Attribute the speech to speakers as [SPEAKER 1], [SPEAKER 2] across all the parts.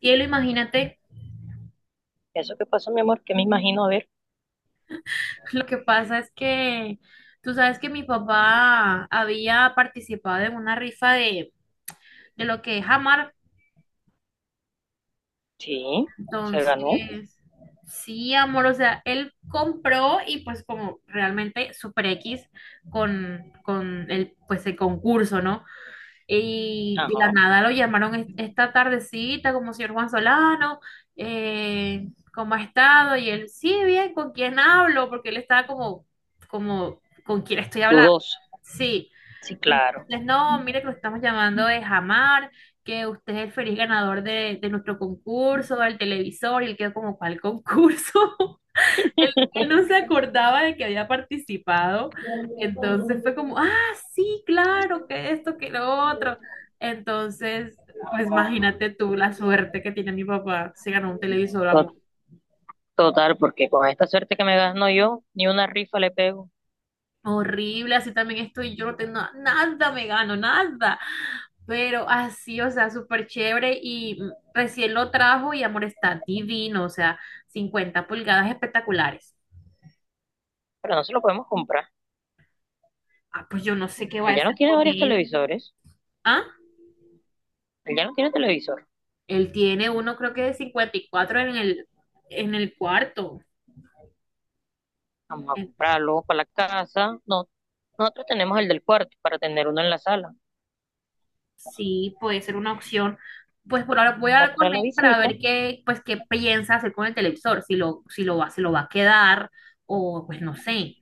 [SPEAKER 1] Cielo, imagínate,
[SPEAKER 2] ¿Eso qué pasó, mi amor? Que me imagino, a ver.
[SPEAKER 1] lo que pasa es que tú sabes que mi papá había participado en una rifa de lo que es Amar.
[SPEAKER 2] Sí, se ganó.
[SPEAKER 1] Entonces, sí, amor, o sea, él compró y pues como realmente Super X con el, pues el concurso, ¿no? Y de la
[SPEAKER 2] Ajá.
[SPEAKER 1] nada lo llamaron esta tardecita como señor Juan Solano, eh, ¿cómo ha estado? Y él, sí, bien, ¿con quién hablo? Porque él estaba como ¿con quién estoy hablando?
[SPEAKER 2] Dudoso.
[SPEAKER 1] Sí.
[SPEAKER 2] Sí, claro.
[SPEAKER 1] Entonces, no, mire que lo estamos llamando de Jamar, que usted es el feliz ganador de nuestro concurso, del televisor, y él quedó como, ¿cuál concurso? Él, él no se acordaba de que había participado, entonces fue como, ah, sí, claro, que esto, que lo otro. Entonces, pues imagínate tú la suerte que tiene mi papá, se ganó un televisor,
[SPEAKER 2] To-
[SPEAKER 1] amor.
[SPEAKER 2] Total, porque con esta suerte que me gano yo, ni una rifa le pego.
[SPEAKER 1] Horrible, así también estoy, yo no tengo nada, me gano, nada. Pero así, o sea, súper chévere y recién lo trajo y amor está divino, o sea, 50 pulgadas espectaculares.
[SPEAKER 2] Pero no se lo podemos comprar.
[SPEAKER 1] Ah, pues yo no sé qué voy
[SPEAKER 2] Él
[SPEAKER 1] a
[SPEAKER 2] ya no
[SPEAKER 1] hacer
[SPEAKER 2] tiene
[SPEAKER 1] con
[SPEAKER 2] varios
[SPEAKER 1] él.
[SPEAKER 2] televisores.
[SPEAKER 1] ¿Ah?
[SPEAKER 2] Él ya no tiene televisor.
[SPEAKER 1] Él tiene uno, creo que de 54 en en el cuarto.
[SPEAKER 2] Vamos a
[SPEAKER 1] Eh,
[SPEAKER 2] comprarlo para la casa. No, nosotros tenemos el del cuarto para tener uno en la sala
[SPEAKER 1] Sí, puede ser una opción. Pues por ahora voy a hablar con
[SPEAKER 2] para la
[SPEAKER 1] él para
[SPEAKER 2] visita.
[SPEAKER 1] ver qué, pues, qué piensa hacer con el televisor, si lo va, se lo va a quedar o pues no sé.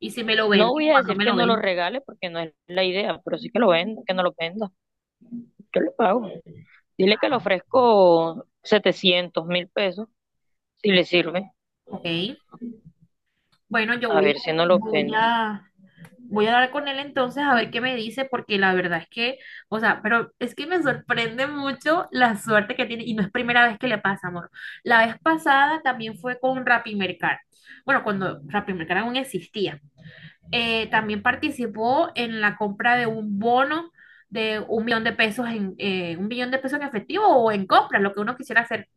[SPEAKER 1] Y si me lo
[SPEAKER 2] No
[SPEAKER 1] venden,
[SPEAKER 2] voy a
[SPEAKER 1] ¿cuándo
[SPEAKER 2] decir
[SPEAKER 1] me
[SPEAKER 2] que
[SPEAKER 1] lo
[SPEAKER 2] no lo
[SPEAKER 1] ven?
[SPEAKER 2] regale porque no es la idea, pero sí que lo venda, que no lo venda. Yo le pago. Dile que le ofrezco 700.000 pesos. Si le sirve,
[SPEAKER 1] Ok. Bueno, yo
[SPEAKER 2] a
[SPEAKER 1] voy
[SPEAKER 2] ver
[SPEAKER 1] a,
[SPEAKER 2] si no lo
[SPEAKER 1] voy
[SPEAKER 2] vende.
[SPEAKER 1] a, voy a hablar con él entonces a ver qué me dice, porque la verdad es que, o sea, pero es que me sorprende mucho la suerte que tiene, y no es primera vez que le pasa, amor. La vez pasada también fue con Rappi Mercado. Bueno, cuando Rappi Mercado aún existía. También participó en la compra de un bono de $1.000.000 en $1.000.000 en efectivo o en compras, lo que uno quisiera hacer.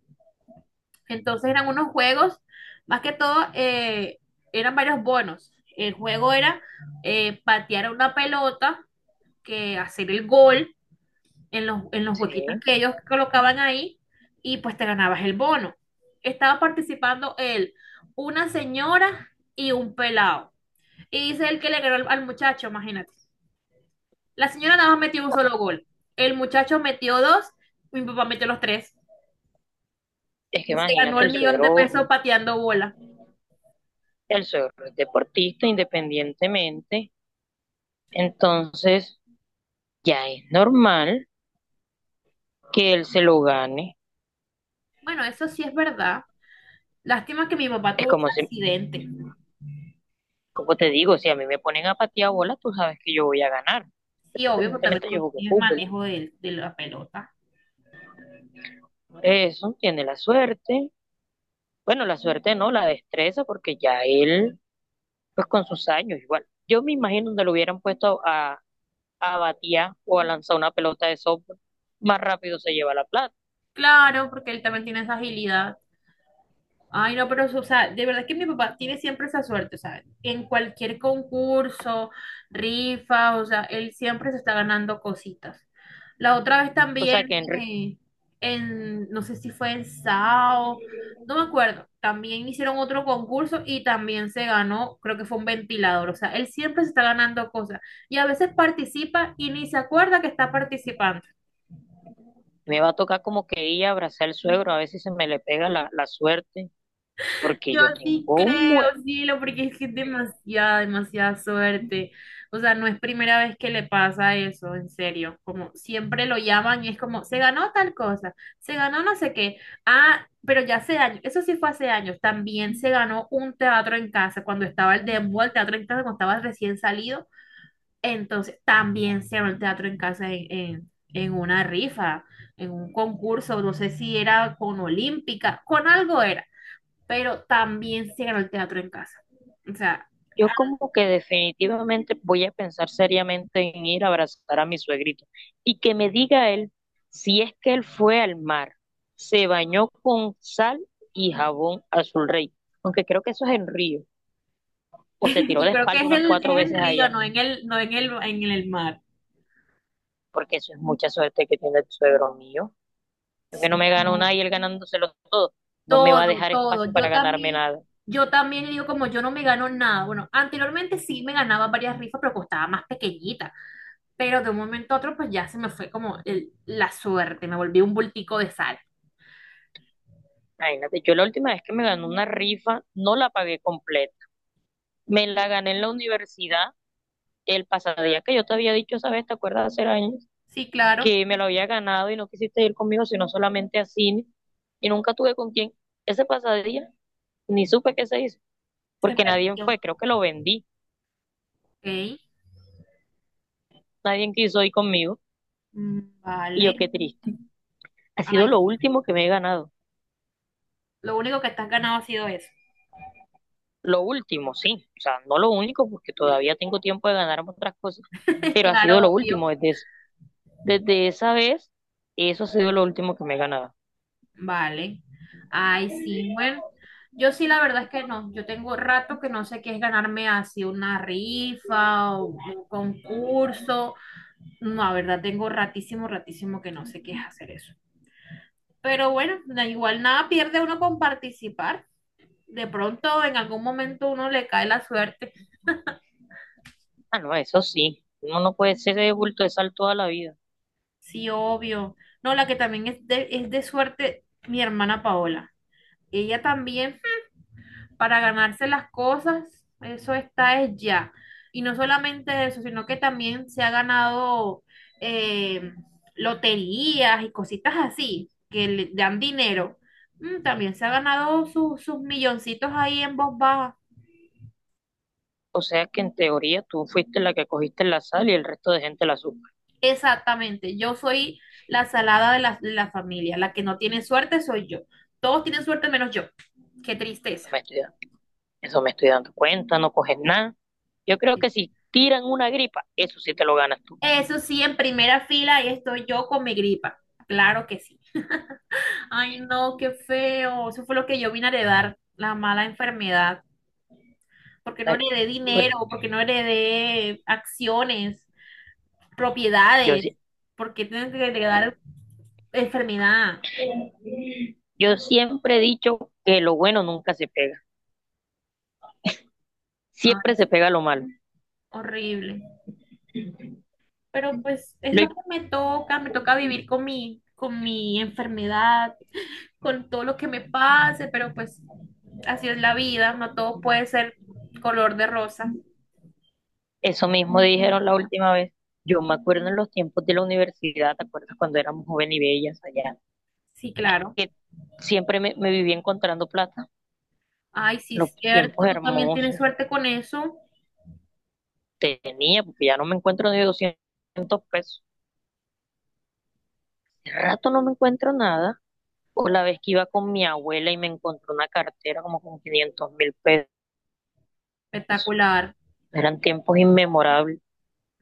[SPEAKER 1] Entonces eran unos juegos, más que todo, eran varios bonos. El juego era patear una pelota, que hacer el gol en en los huequitos
[SPEAKER 2] Sí,
[SPEAKER 1] que ellos colocaban ahí y pues te ganabas el bono. Estaba participando él, una señora y un pelado. Y dice el que le ganó al muchacho, imagínate. La señora nada más metió un solo gol. El muchacho metió dos, mi papá metió los tres.
[SPEAKER 2] es que
[SPEAKER 1] Y se ganó
[SPEAKER 2] imagínate, el
[SPEAKER 1] el millón de
[SPEAKER 2] suegro,
[SPEAKER 1] pesos pateando bola.
[SPEAKER 2] el suegro es deportista independientemente, entonces ya es normal que él se lo gane.
[SPEAKER 1] Bueno, eso sí es verdad. Lástima que mi papá
[SPEAKER 2] Es
[SPEAKER 1] tuvo un
[SPEAKER 2] como si,
[SPEAKER 1] accidente.
[SPEAKER 2] como te digo, si a mí me ponen a patear bola, tú sabes que yo voy a ganar.
[SPEAKER 1] Sí, obvio, porque también
[SPEAKER 2] Independientemente yo
[SPEAKER 1] tú
[SPEAKER 2] jugué
[SPEAKER 1] tienes
[SPEAKER 2] fútbol.
[SPEAKER 1] manejo de la pelota.
[SPEAKER 2] Por eso tiene la suerte. Bueno, la suerte no, la destreza, porque ya él, pues con sus años igual. Yo me imagino donde lo hubieran puesto a batear o a lanzar una pelota de softball, más rápido se lleva la plata.
[SPEAKER 1] Claro, porque él también tiene esa agilidad. Ay, no, pero, o sea, de verdad que mi papá tiene siempre esa suerte, o sea, en cualquier concurso, rifa, o sea, él siempre se está ganando cositas. La otra vez
[SPEAKER 2] O sea que
[SPEAKER 1] también,
[SPEAKER 2] en re-
[SPEAKER 1] no sé si fue en SAO, no me acuerdo, también hicieron otro concurso y también se ganó, creo que fue un ventilador, o sea, él siempre se está ganando cosas y a veces participa y ni se acuerda que está participando.
[SPEAKER 2] Me va a tocar como que ir a abrazar al suegro, a ver si se me le pega la suerte, porque
[SPEAKER 1] Yo
[SPEAKER 2] yo tengo
[SPEAKER 1] sí creo,
[SPEAKER 2] un buen,
[SPEAKER 1] cielo, porque es que es demasiada, demasiada suerte. O sea, no es primera vez que le pasa eso, en serio. Como siempre lo llaman y es como, se ganó tal cosa, se ganó no sé qué. Ah, pero ya hace años, eso sí fue hace años. También se ganó un teatro en casa cuando estaba el demo, el teatro en casa, cuando estaba recién salido. Entonces, también se ganó el teatro en casa en una rifa, en un concurso, no sé si era con Olímpica, con algo era pero también se ganó el teatro en casa. O sea,
[SPEAKER 2] yo como que definitivamente voy a pensar seriamente en ir a abrazar a mi suegrito y que me diga él si es que él fue al mar, se bañó con sal y jabón azul rey, aunque creo que eso es en Río, o se tiró de
[SPEAKER 1] yo creo que
[SPEAKER 2] espalda
[SPEAKER 1] es,
[SPEAKER 2] unas
[SPEAKER 1] el,
[SPEAKER 2] cuatro
[SPEAKER 1] es en
[SPEAKER 2] veces
[SPEAKER 1] Río,
[SPEAKER 2] allá,
[SPEAKER 1] no en el, en el mar.
[SPEAKER 2] porque eso es mucha suerte que tiene el suegro mío. Yo que no
[SPEAKER 1] Sí,
[SPEAKER 2] me gano nada
[SPEAKER 1] ganó
[SPEAKER 2] y él ganándoselo todo. No me va a
[SPEAKER 1] todo,
[SPEAKER 2] dejar
[SPEAKER 1] todo.
[SPEAKER 2] espacio para ganarme nada.
[SPEAKER 1] Yo también digo como yo no me gano nada. Bueno, anteriormente sí me ganaba varias rifas, pero costaba más pequeñita. Pero de un momento a otro, pues ya se me fue como la suerte, me volví un bultico de sal.
[SPEAKER 2] Imagínate, yo la última vez que me gané una rifa, no la pagué completa. Me la gané en la universidad el pasado día que yo te había dicho esa vez, ¿te acuerdas? Hace años,
[SPEAKER 1] Sí, claro,
[SPEAKER 2] que me lo había ganado y no quisiste ir conmigo, sino solamente a cine. Y nunca tuve con quién. Ese pasadía ni supe qué se hizo,
[SPEAKER 1] se
[SPEAKER 2] porque nadie
[SPEAKER 1] perdió.
[SPEAKER 2] fue. Creo que lo vendí.
[SPEAKER 1] Ok,
[SPEAKER 2] Nadie quiso ir conmigo.
[SPEAKER 1] mm,
[SPEAKER 2] Y yo,
[SPEAKER 1] vale.
[SPEAKER 2] qué triste. Ha sido
[SPEAKER 1] Ay,
[SPEAKER 2] lo último que me he ganado.
[SPEAKER 1] lo único que te has ganado ha sido eso.
[SPEAKER 2] Lo último, sí, o sea, no lo único, porque todavía tengo tiempo de ganar otras cosas, pero ha sido
[SPEAKER 1] Claro,
[SPEAKER 2] lo
[SPEAKER 1] obvio.
[SPEAKER 2] último desde esa vez, eso ha sido lo último que me he ganado.
[SPEAKER 1] Vale. Ay, sí. Bueno, yo sí la verdad es que no. Yo tengo rato que no sé qué es ganarme así una rifa o un concurso. No, la verdad tengo ratísimo, ratísimo que no sé qué es hacer eso. Pero bueno, da igual nada pierde uno con participar. De pronto en algún momento uno le cae la suerte.
[SPEAKER 2] Ah, no, eso sí, uno no puede ser de bulto de sal toda la vida.
[SPEAKER 1] Sí, obvio. No, la que también es es de suerte, mi hermana Paola. Ella también para ganarse las cosas, eso está es ya. Y no solamente eso, sino que también se ha ganado eh, loterías y cositas así, que le dan dinero. Mm, también se ha ganado sus milloncitos ahí en voz baja.
[SPEAKER 2] O sea que en teoría tú fuiste la que cogiste la sal y el resto de gente la azúcar.
[SPEAKER 1] Exactamente, yo soy la salada de la familia, la que no tiene suerte soy yo. Todos tienen suerte menos yo. Qué
[SPEAKER 2] Eso me
[SPEAKER 1] tristeza.
[SPEAKER 2] estoy, da- Eso me estoy dando cuenta, no coges nada. Yo creo que si tiran una gripa, eso sí te lo ganas tú.
[SPEAKER 1] Eso sí, en primera fila ahí estoy yo con mi gripa. Claro que sí. Ay, no, qué feo. Eso fue lo que yo vine a heredar, la mala enfermedad. Porque no
[SPEAKER 2] Dale.
[SPEAKER 1] heredé
[SPEAKER 2] Pero
[SPEAKER 1] dinero, porque no heredé acciones,
[SPEAKER 2] yo,
[SPEAKER 1] propiedades.
[SPEAKER 2] sí-
[SPEAKER 1] Porque tienes que heredar enfermedad.
[SPEAKER 2] yo siempre he dicho que lo bueno nunca se pega,
[SPEAKER 1] Ay,
[SPEAKER 2] siempre se pega lo malo.
[SPEAKER 1] horrible. Pero pues es
[SPEAKER 2] Lo
[SPEAKER 1] lo que me toca vivir con mi enfermedad, con todo lo que me pase, pero pues así es la vida, no todo puede ser color de rosa.
[SPEAKER 2] Eso mismo dijeron la última vez. Yo me acuerdo en los tiempos de la universidad, ¿te acuerdas cuando éramos jóvenes y bellas allá?
[SPEAKER 1] Sí, claro.
[SPEAKER 2] Que siempre me vivía encontrando plata.
[SPEAKER 1] Ay, sí,
[SPEAKER 2] Los
[SPEAKER 1] es
[SPEAKER 2] tiempos
[SPEAKER 1] cierto, tú también tienes
[SPEAKER 2] hermosos
[SPEAKER 1] suerte con eso.
[SPEAKER 2] tenía, porque ya no me encuentro ni 200 pesos. Hace rato no me encuentro nada. O la vez que iba con mi abuela y me encontró una cartera como con 500.000 pesos.
[SPEAKER 1] Espectacular,
[SPEAKER 2] Eran tiempos inmemorables.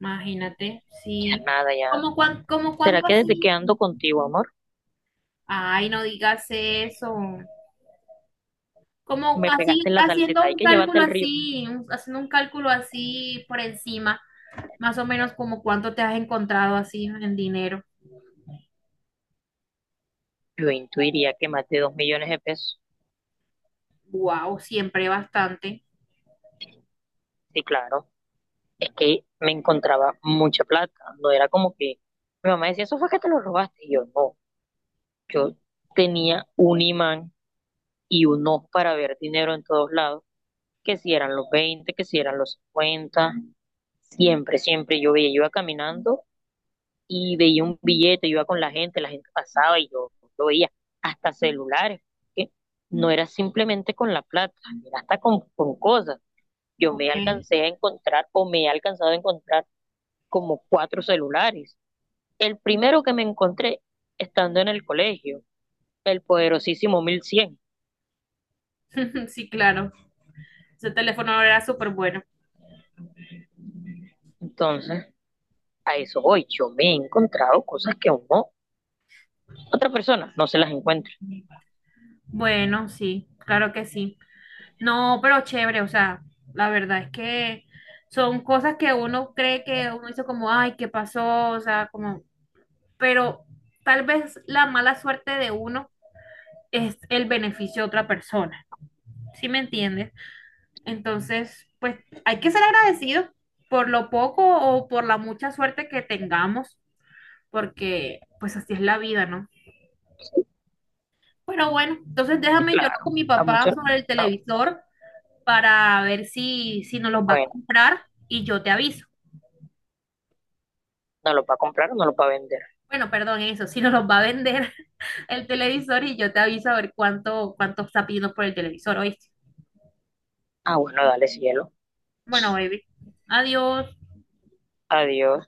[SPEAKER 1] imagínate,
[SPEAKER 2] Ya
[SPEAKER 1] sí.
[SPEAKER 2] nada, ya.
[SPEAKER 1] ¿Cómo, cuán, cómo
[SPEAKER 2] ¿Será
[SPEAKER 1] cuánto
[SPEAKER 2] que desde que
[SPEAKER 1] así?
[SPEAKER 2] ando contigo, amor,
[SPEAKER 1] Ay, no digas eso. Como
[SPEAKER 2] me
[SPEAKER 1] así,
[SPEAKER 2] pegaste en la salsita?
[SPEAKER 1] haciendo
[SPEAKER 2] Hay
[SPEAKER 1] un
[SPEAKER 2] que llevarte
[SPEAKER 1] cálculo
[SPEAKER 2] el río.
[SPEAKER 1] así, haciendo un cálculo así por encima, más o menos como cuánto te has encontrado así en dinero.
[SPEAKER 2] Yo intuiría que más de 2 millones de pesos.
[SPEAKER 1] Wow, siempre bastante.
[SPEAKER 2] Sí, claro. Es que me encontraba mucha plata. No era como que mi mamá decía, eso fue que te lo robaste. Y yo, no. Yo tenía un imán y un ojo para ver dinero en todos lados. Que si eran los 20, que si eran los 50. Siempre, siempre yo veía. Yo iba caminando y veía un billete, yo iba con la gente pasaba y yo lo veía. Hasta celulares. Que No era simplemente con la plata, era hasta con cosas. Yo
[SPEAKER 1] Ok,
[SPEAKER 2] me alcancé a encontrar o me he alcanzado a encontrar como cuatro celulares. El primero que me encontré estando en el colegio, el poderosísimo 1100.
[SPEAKER 1] sí, claro. Ese teléfono era súper bueno.
[SPEAKER 2] Entonces, a eso voy. Yo me he encontrado cosas que aún no, otra persona no se las encuentra.
[SPEAKER 1] Bueno, sí, claro que sí. No, pero chévere, o sea, la verdad es que son cosas que uno cree que uno dice como, ay, ¿qué pasó? O sea, como, pero tal vez la mala suerte de uno es el beneficio de otra persona, ¿sí me entiendes? Entonces, pues hay que ser agradecidos por lo poco o por la mucha suerte que tengamos, porque pues así es la vida, ¿no? Pero bueno, entonces
[SPEAKER 2] Sí,
[SPEAKER 1] déjame yo hablo
[SPEAKER 2] claro,
[SPEAKER 1] con mi
[SPEAKER 2] a
[SPEAKER 1] papá
[SPEAKER 2] muchos,
[SPEAKER 1] sobre el
[SPEAKER 2] no.
[SPEAKER 1] televisor para ver si nos los va a
[SPEAKER 2] Bueno,
[SPEAKER 1] comprar y yo te aviso.
[SPEAKER 2] no lo va a comprar o no lo va a vender.
[SPEAKER 1] Bueno, perdón, eso, si no los va a vender el televisor y yo te aviso a ver cuánto, cuánto está pidiendo por el televisor, ¿oíste?
[SPEAKER 2] Ah, bueno, dale cielo.
[SPEAKER 1] Bueno, baby, adiós.
[SPEAKER 2] Adiós.